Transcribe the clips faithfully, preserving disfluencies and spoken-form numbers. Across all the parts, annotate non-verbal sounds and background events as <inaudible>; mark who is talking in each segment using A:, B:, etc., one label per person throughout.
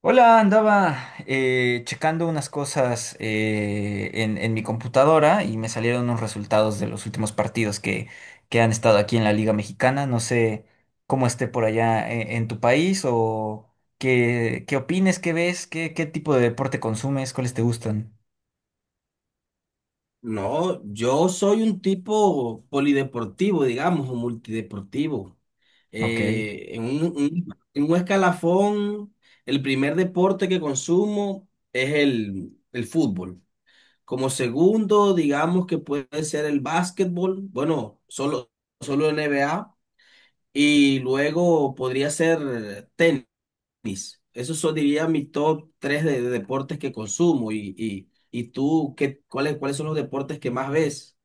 A: Hola, andaba eh, checando unas cosas eh, en, en mi computadora y me salieron unos resultados de los últimos partidos que, que han estado aquí en la Liga Mexicana. No sé cómo esté por allá en, en tu país o qué, qué opines, qué ves, qué, qué tipo de deporte consumes, cuáles te gustan.
B: No, yo soy un tipo polideportivo, digamos, o multideportivo.
A: Ok.
B: Eh, en un, un- en un escalafón, el primer deporte que consumo es el, el fútbol. Como segundo, digamos que puede ser el básquetbol, bueno, solo, solo N B A. Y luego podría ser tenis. Esos son, diría, mis top tres de, de deportes que consumo. Y, y, y tú, ¿qué, cuáles, cuáles son los deportes que más ves?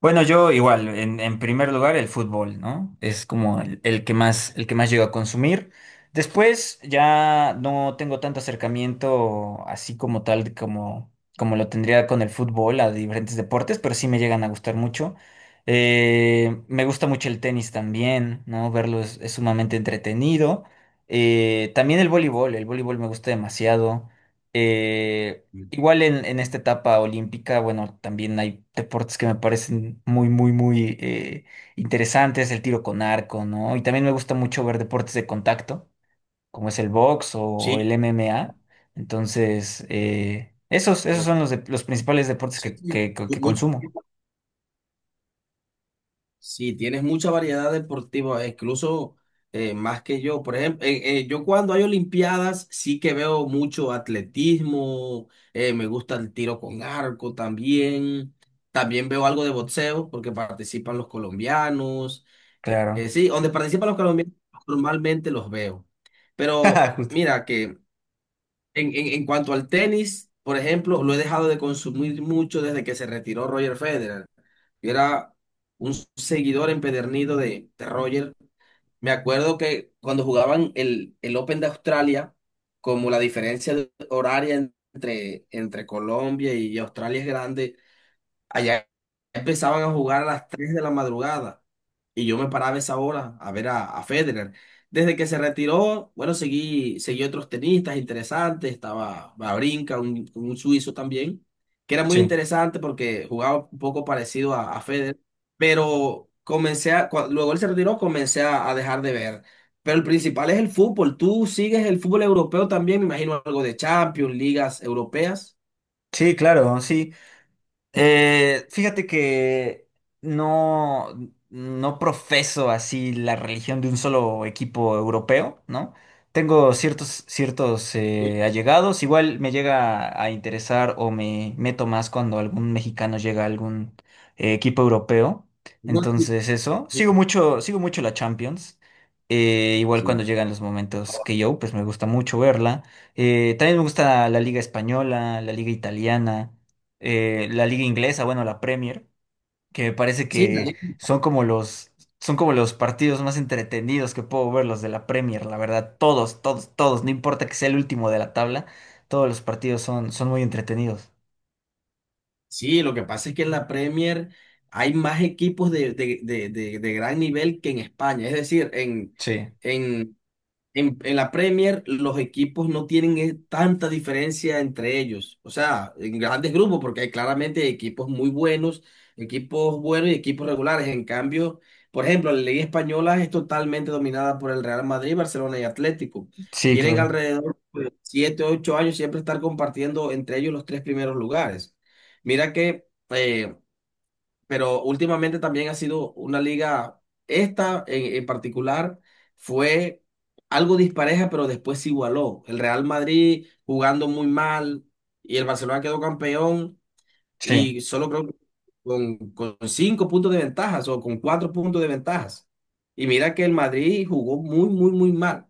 A: Bueno, yo igual, en, en primer lugar el fútbol, ¿no? Es como el, el que más, el que más llego a consumir. Después ya no tengo tanto acercamiento así como tal de como, como lo tendría con el fútbol a diferentes deportes, pero sí me llegan a gustar mucho. Eh, me gusta mucho el tenis también, ¿no? Verlo es, es sumamente entretenido. Eh, también el voleibol, el voleibol me gusta demasiado. Eh, Igual en, en esta etapa olímpica, bueno, también hay deportes que me parecen muy, muy, muy eh, interesantes, el tiro con arco, ¿no? Y también me gusta mucho ver deportes de contacto, como es el box o el
B: Sí,
A: M M A. Entonces, eh, esos, esos
B: no,
A: son los, de- los principales deportes
B: sí,
A: que,
B: tiene
A: que, que-
B: mu-
A: que
B: mucho.
A: consumo.
B: Sí, tienes mucha variedad deportiva, incluso eh, más que yo. Por ejemplo, eh, eh, yo cuando hay Olimpiadas sí que veo mucho atletismo, eh, me gusta el tiro con arco también, también veo algo de boxeo porque participan los colombianos. Eh,
A: Claro.
B: sí, donde participan los colombianos normalmente los veo. Pero
A: <laughs> Justo.
B: mira que en, en, en cuanto al tenis, por ejemplo, lo he dejado de consumir mucho desde que se retiró Roger Federer. Yo era un seguidor empedernido de, de Roger. Me acuerdo que cuando jugaban el, el Open de Australia, como la diferencia de- horaria entre, entre Colombia y Australia es grande, allá empezaban a jugar a las tres de la madrugada y yo me paraba a esa hora a ver a, a Federer. Desde que se retiró, bueno, seguí, seguí otros tenistas interesantes, estaba Babrinka, un, un suizo también, que era muy
A: Sí.
B: interesante porque jugaba un poco parecido a, a Federer, pero comencé a, cua- luego él se retiró, comencé a, a dejar de ver. Pero el principal es el fútbol. ¿Tú sigues el fútbol europeo también? Me imagino algo de Champions, ligas europeas.
A: Sí, claro, sí. Eh, fíjate que no, no profeso así la religión de un solo equipo europeo, ¿no? Tengo ciertos, ciertos
B: Sí,
A: eh, allegados. Igual me llega a interesar o me meto más cuando algún mexicano llega a algún eh, equipo europeo.
B: no, sí,
A: Entonces, eso.
B: sí,
A: Sigo mucho, sigo mucho la Champions. Eh, igual cuando
B: sí.
A: llegan los momentos que yo, pues me gusta mucho verla. Eh, también me gusta la Liga Española, la Liga Italiana, eh, la liga inglesa, bueno, la Premier, que me parece
B: Sí, la
A: que
B: liga.
A: son como los, son como los partidos más entretenidos que puedo ver, los de la Premier, la verdad, todos, todos, todos, no importa que sea el último de la tabla, todos los partidos son, son muy entretenidos.
B: Sí, lo que pasa es que en la Premier hay más equipos de, de- de- de- de gran nivel que en España. Es decir, en,
A: Sí,
B: en, en, en la Premier los equipos no tienen eh, tanta diferencia entre ellos, o sea, en grandes grupos, porque hay claramente equipos muy buenos, equipos buenos y equipos regulares. En cambio, por ejemplo, la Liga Española es totalmente dominada por el Real Madrid, Barcelona y Atlético.
A: sí,
B: Tienen
A: claro.
B: alrededor de siete o ocho años siempre estar compartiendo entre ellos los tres primeros lugares. Mira que eh, pero últimamente también ha sido una liga, esta en, en particular fue algo dispareja, pero después se igualó. El Real Madrid jugando muy mal y el Barcelona quedó campeón
A: Sí,
B: y solo creo que con, con cinco puntos de ventajas o con cuatro puntos de ventajas. Y mira que el Madrid jugó muy, muy, muy mal.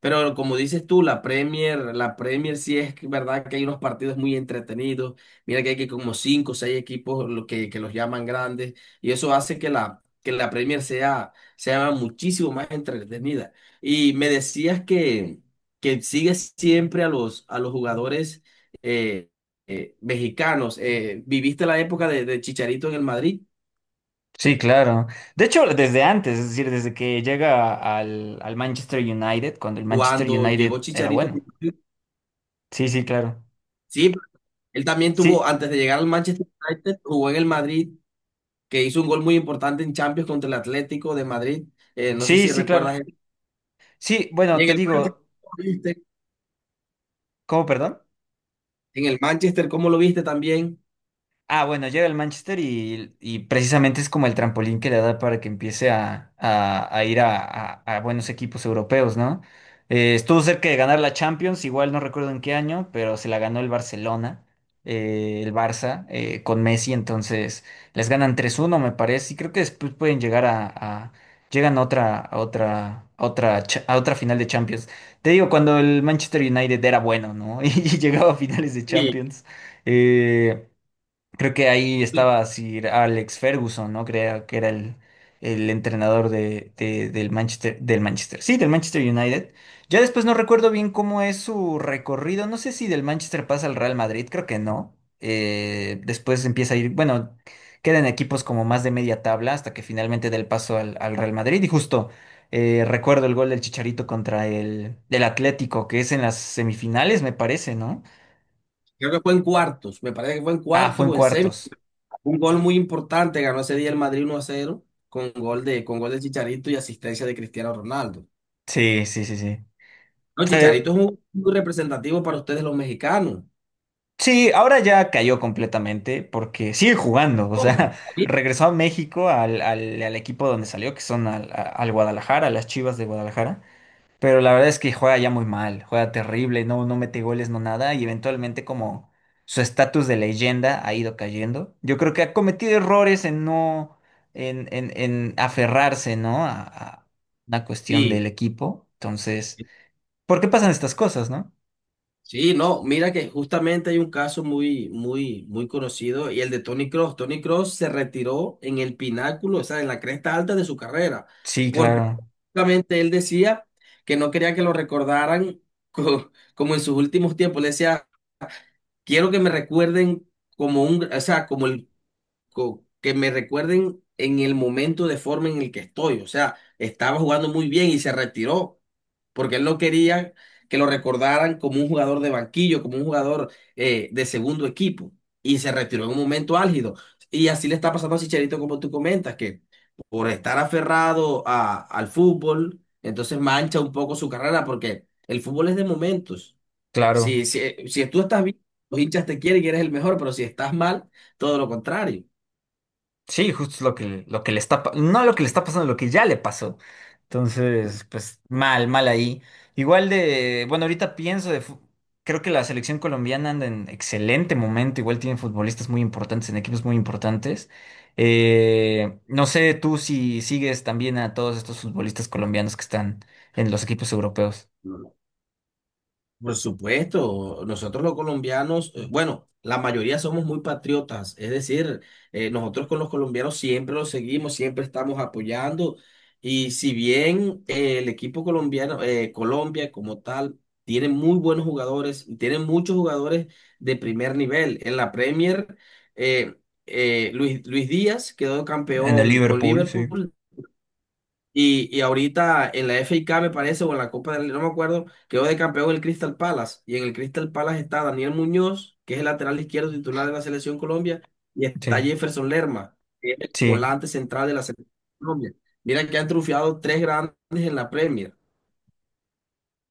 B: Pero como dices tú, la Premier, la Premier sí es que- verdad que hay unos partidos muy entretenidos. Mira que hay que como cinco o seis equipos lo que, que los llaman grandes. Y eso hace que la, que la Premier sea, sea muchísimo más entretenida. Y me decías que, que sigues siempre a los, a los jugadores eh, eh, mexicanos. Eh, ¿viviste la época de, de Chicharito en el Madrid?
A: sí, claro. De hecho, desde antes, es decir, desde que llega al, al Manchester United, cuando el Manchester
B: Cuando llegó
A: United era
B: Chicharito,
A: bueno. Sí, sí, claro.
B: sí, él también tuvo,
A: Sí,
B: antes de llegar al Manchester United, jugó en el Madrid, que hizo un gol muy importante en Champions contra el Atlético de Madrid. Eh, no sé
A: sí,
B: si
A: sí, claro.
B: recuerdas.
A: Sí,
B: Y
A: bueno,
B: en
A: te
B: el Manchester,
A: digo,
B: ¿cómo lo viste?
A: ¿cómo, perdón?
B: En el Manchester, ¿cómo lo viste también?
A: Ah, bueno, llega al Manchester y, y precisamente es como el trampolín que le da para que empiece a, a- a ir a, a- a buenos equipos europeos, ¿no? Eh, estuvo cerca de ganar la Champions, igual no recuerdo en qué año, pero se la ganó el Barcelona, eh, el Barça, eh, con Messi, entonces les ganan tres uno, me parece, y creo que después pueden llegar a, a- llegan a otra, a otra, a otra, cha- a otra final de Champions. Te digo, cuando el Manchester United era bueno, ¿no? <laughs> Y llegaba a finales de
B: Y
A: Champions. eh, Creo que ahí estaba Sir Alex Ferguson, ¿no? Creo que era el, el entrenador de, de- del Manchester, del Manchester, sí, del Manchester United. Ya después no recuerdo bien cómo es su recorrido. No sé si del Manchester pasa al Real Madrid, creo que no. Eh, después empieza a ir, bueno, quedan equipos como más de media tabla hasta que finalmente da el paso al, al Real Madrid. Y justo eh, recuerdo el gol del Chicharito contra el, del Atlético, que es en las semifinales, me parece, ¿no?
B: creo que fue en cuartos, me parece que fue en
A: Ah, fue
B: cuartos
A: en
B: o en semis.
A: cuartos.
B: Un gol muy importante, ganó ese día el Madrid uno a cero con gol de, con gol de Chicharito y asistencia de Cristiano Ronaldo.
A: Sí, sí, sí,
B: No,
A: sí.
B: Chicharito es un- muy representativo para ustedes los mexicanos.
A: Sí, ahora ya cayó completamente porque sigue jugando, o
B: Oh,
A: sea, <laughs>
B: sí,
A: regresó a México al, al, al equipo donde salió, que son al, a- al Guadalajara, a las Chivas de Guadalajara, pero la verdad es que juega ya muy mal, juega terrible, no, no mete goles, no nada, y eventualmente como su estatus de leyenda ha ido cayendo. Yo creo que ha cometido errores en no, en, en, en aferrarse, ¿no? A, a una cuestión
B: sí,
A: del equipo, entonces, ¿por qué pasan estas cosas, no?
B: sí, no, mira que justamente hay un caso muy, muy, muy conocido y el de Tony Cross. Tony Cross se retiró en el pináculo, o sea, en la cresta alta de su carrera,
A: Sí,
B: porque
A: claro,
B: justamente él decía que no quería que lo recordaran <laughs> co- como en sus últimos tiempos. Le decía, quiero que me recuerden como un, o sea, como el co- que me recuerden en el momento de forma en el que estoy. O sea, estaba jugando muy bien y se retiró porque él no quería que lo recordaran como un jugador de banquillo, como un jugador eh, de segundo equipo. Y se retiró en un momento álgido. Y así le está pasando a Chicharito, como tú comentas, que por estar aferrado a- al fútbol, entonces mancha un poco su carrera, porque el fútbol es de momentos.
A: claro.
B: Si, si, si tú estás bien, los hinchas te quieren y eres el mejor, pero si estás mal, todo lo contrario.
A: Sí, justo lo que, lo que le está, pa- no lo que le está pasando, lo que ya le pasó. Entonces, pues mal, mal ahí. Igual de, bueno, ahorita pienso de, fu- creo que la selección colombiana anda en excelente momento, igual tienen futbolistas muy importantes, en equipos muy importantes. Eh, no sé tú si sigues también a todos estos futbolistas colombianos que están en los equipos europeos.
B: Por supuesto, nosotros los colombianos, eh, bueno, la mayoría somos muy patriotas, es decir, eh, nosotros con los colombianos siempre los seguimos, siempre estamos apoyando y si bien eh, el equipo colombiano, eh, Colombia como tal, tiene muy buenos jugadores, tiene muchos jugadores de primer nivel. En la Premier, eh, eh, Luis, Luis Díaz quedó
A: En el
B: campeón con
A: Liverpool, sí.
B: Liverpool y, y ahorita en la F A me parece, o en la Copa del Rey, no me acuerdo, quedó de campeón el Crystal Palace. Y en el Crystal Palace está Daniel Muñoz, que es el lateral izquierdo titular de la Selección Colombia, y está
A: Sí,
B: Jefferson Lerma, que es el
A: sí,
B: volante central de la Selección Colombia. Mira que han triunfado tres grandes en la Premier. O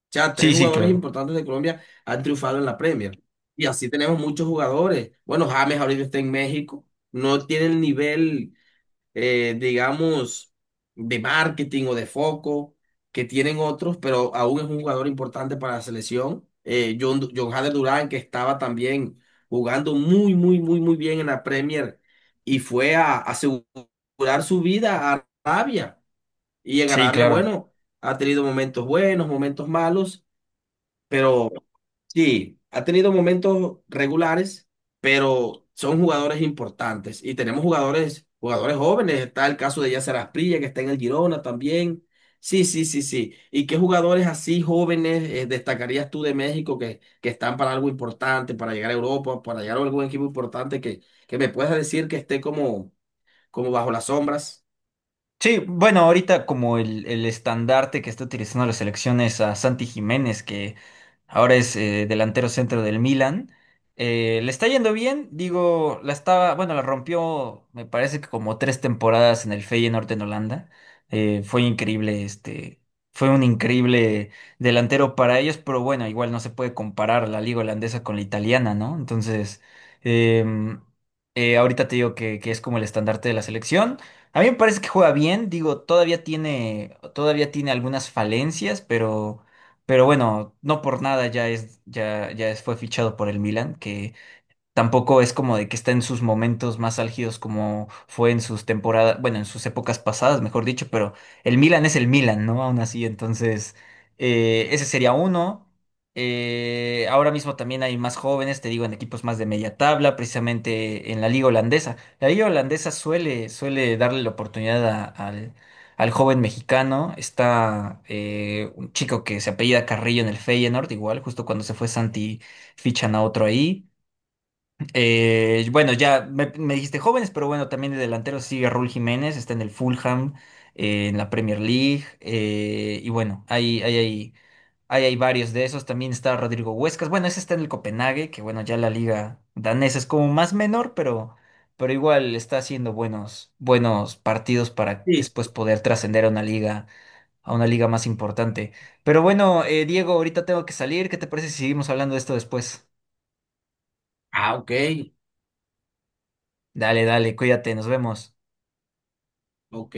B: sea,
A: sí,
B: tres
A: sí,
B: jugadores
A: claro.
B: importantes de Colombia han triunfado en la Premier. Y así tenemos muchos jugadores. Bueno, James ahorita está en México. No tiene el nivel eh, digamos, de marketing o de foco que tienen otros, pero aún es un jugador importante para la selección. Eh, John, Du- John Hader Durán, que estaba también jugando muy, muy, muy, muy bien en la Premier y fue a asegurar su vida a Arabia. Y en
A: Sí,
B: Arabia,
A: claro.
B: bueno, ha tenido momentos buenos, momentos malos, pero, sí, ha tenido momentos regulares, pero son jugadores importantes. Y tenemos jugadores, jugadores jóvenes. Está el caso de Yasser Asprilla, que está en el Girona también. Sí, sí, sí, sí. ¿Y qué jugadores así jóvenes eh, destacarías tú de México que, que están para algo importante, para llegar a Europa, para llegar a algún equipo importante que, que me puedas decir que esté como, como bajo las sombras?
A: Sí, bueno, ahorita como el, el estandarte que está utilizando la selección es a Santi Jiménez, que ahora es eh, delantero centro del Milan. Eh, le está yendo bien, digo, la estaba, bueno, la rompió, me parece que como tres temporadas en el Feyenoord en Holanda. Eh, fue increíble, este, fue un increíble delantero para ellos, pero bueno, igual no se puede comparar la liga holandesa con la italiana, ¿no? Entonces, em, eh, ahorita te digo que, que es como el estandarte de la selección. A mí me parece que juega bien, digo, todavía tiene, todavía tiene algunas falencias, pero, pero bueno, no por nada ya es, ya, ya es- fue fichado por el Milan. Tampoco es como de que está en sus momentos más álgidos como fue en sus temporadas, bueno, en sus épocas pasadas, mejor dicho, pero el Milan es el Milan, ¿no? Aún así, entonces, eh, ese sería uno. Eh, ahora mismo también hay más jóvenes, te digo, en equipos más de media tabla, precisamente en la liga holandesa. La liga holandesa suele, suele darle la oportunidad a- al, al joven mexicano. Está eh, un chico que se apellida Carrillo en el Feyenoord, igual, justo cuando se fue Santi, fichan a otro ahí. Eh, bueno, ya me, me dijiste jóvenes, pero bueno, también de delanteros sigue Raúl Jiménez, está en el Fulham, eh, en la Premier League, eh, y bueno, hay, hay, hay, hay, hay varios de esos. También está Rodrigo Huescas, bueno, ese está en el Copenhague, que bueno, ya la liga danesa es como más menor, pero, pero igual está haciendo buenos, buenos partidos para
B: Sí.
A: después poder trascender a una liga, a una liga más importante. Pero bueno, eh, Diego, ahorita tengo que salir, ¿qué te parece si seguimos hablando de esto después?
B: Ah, ok,
A: Dale, dale, cuídate, nos vemos.
B: ok.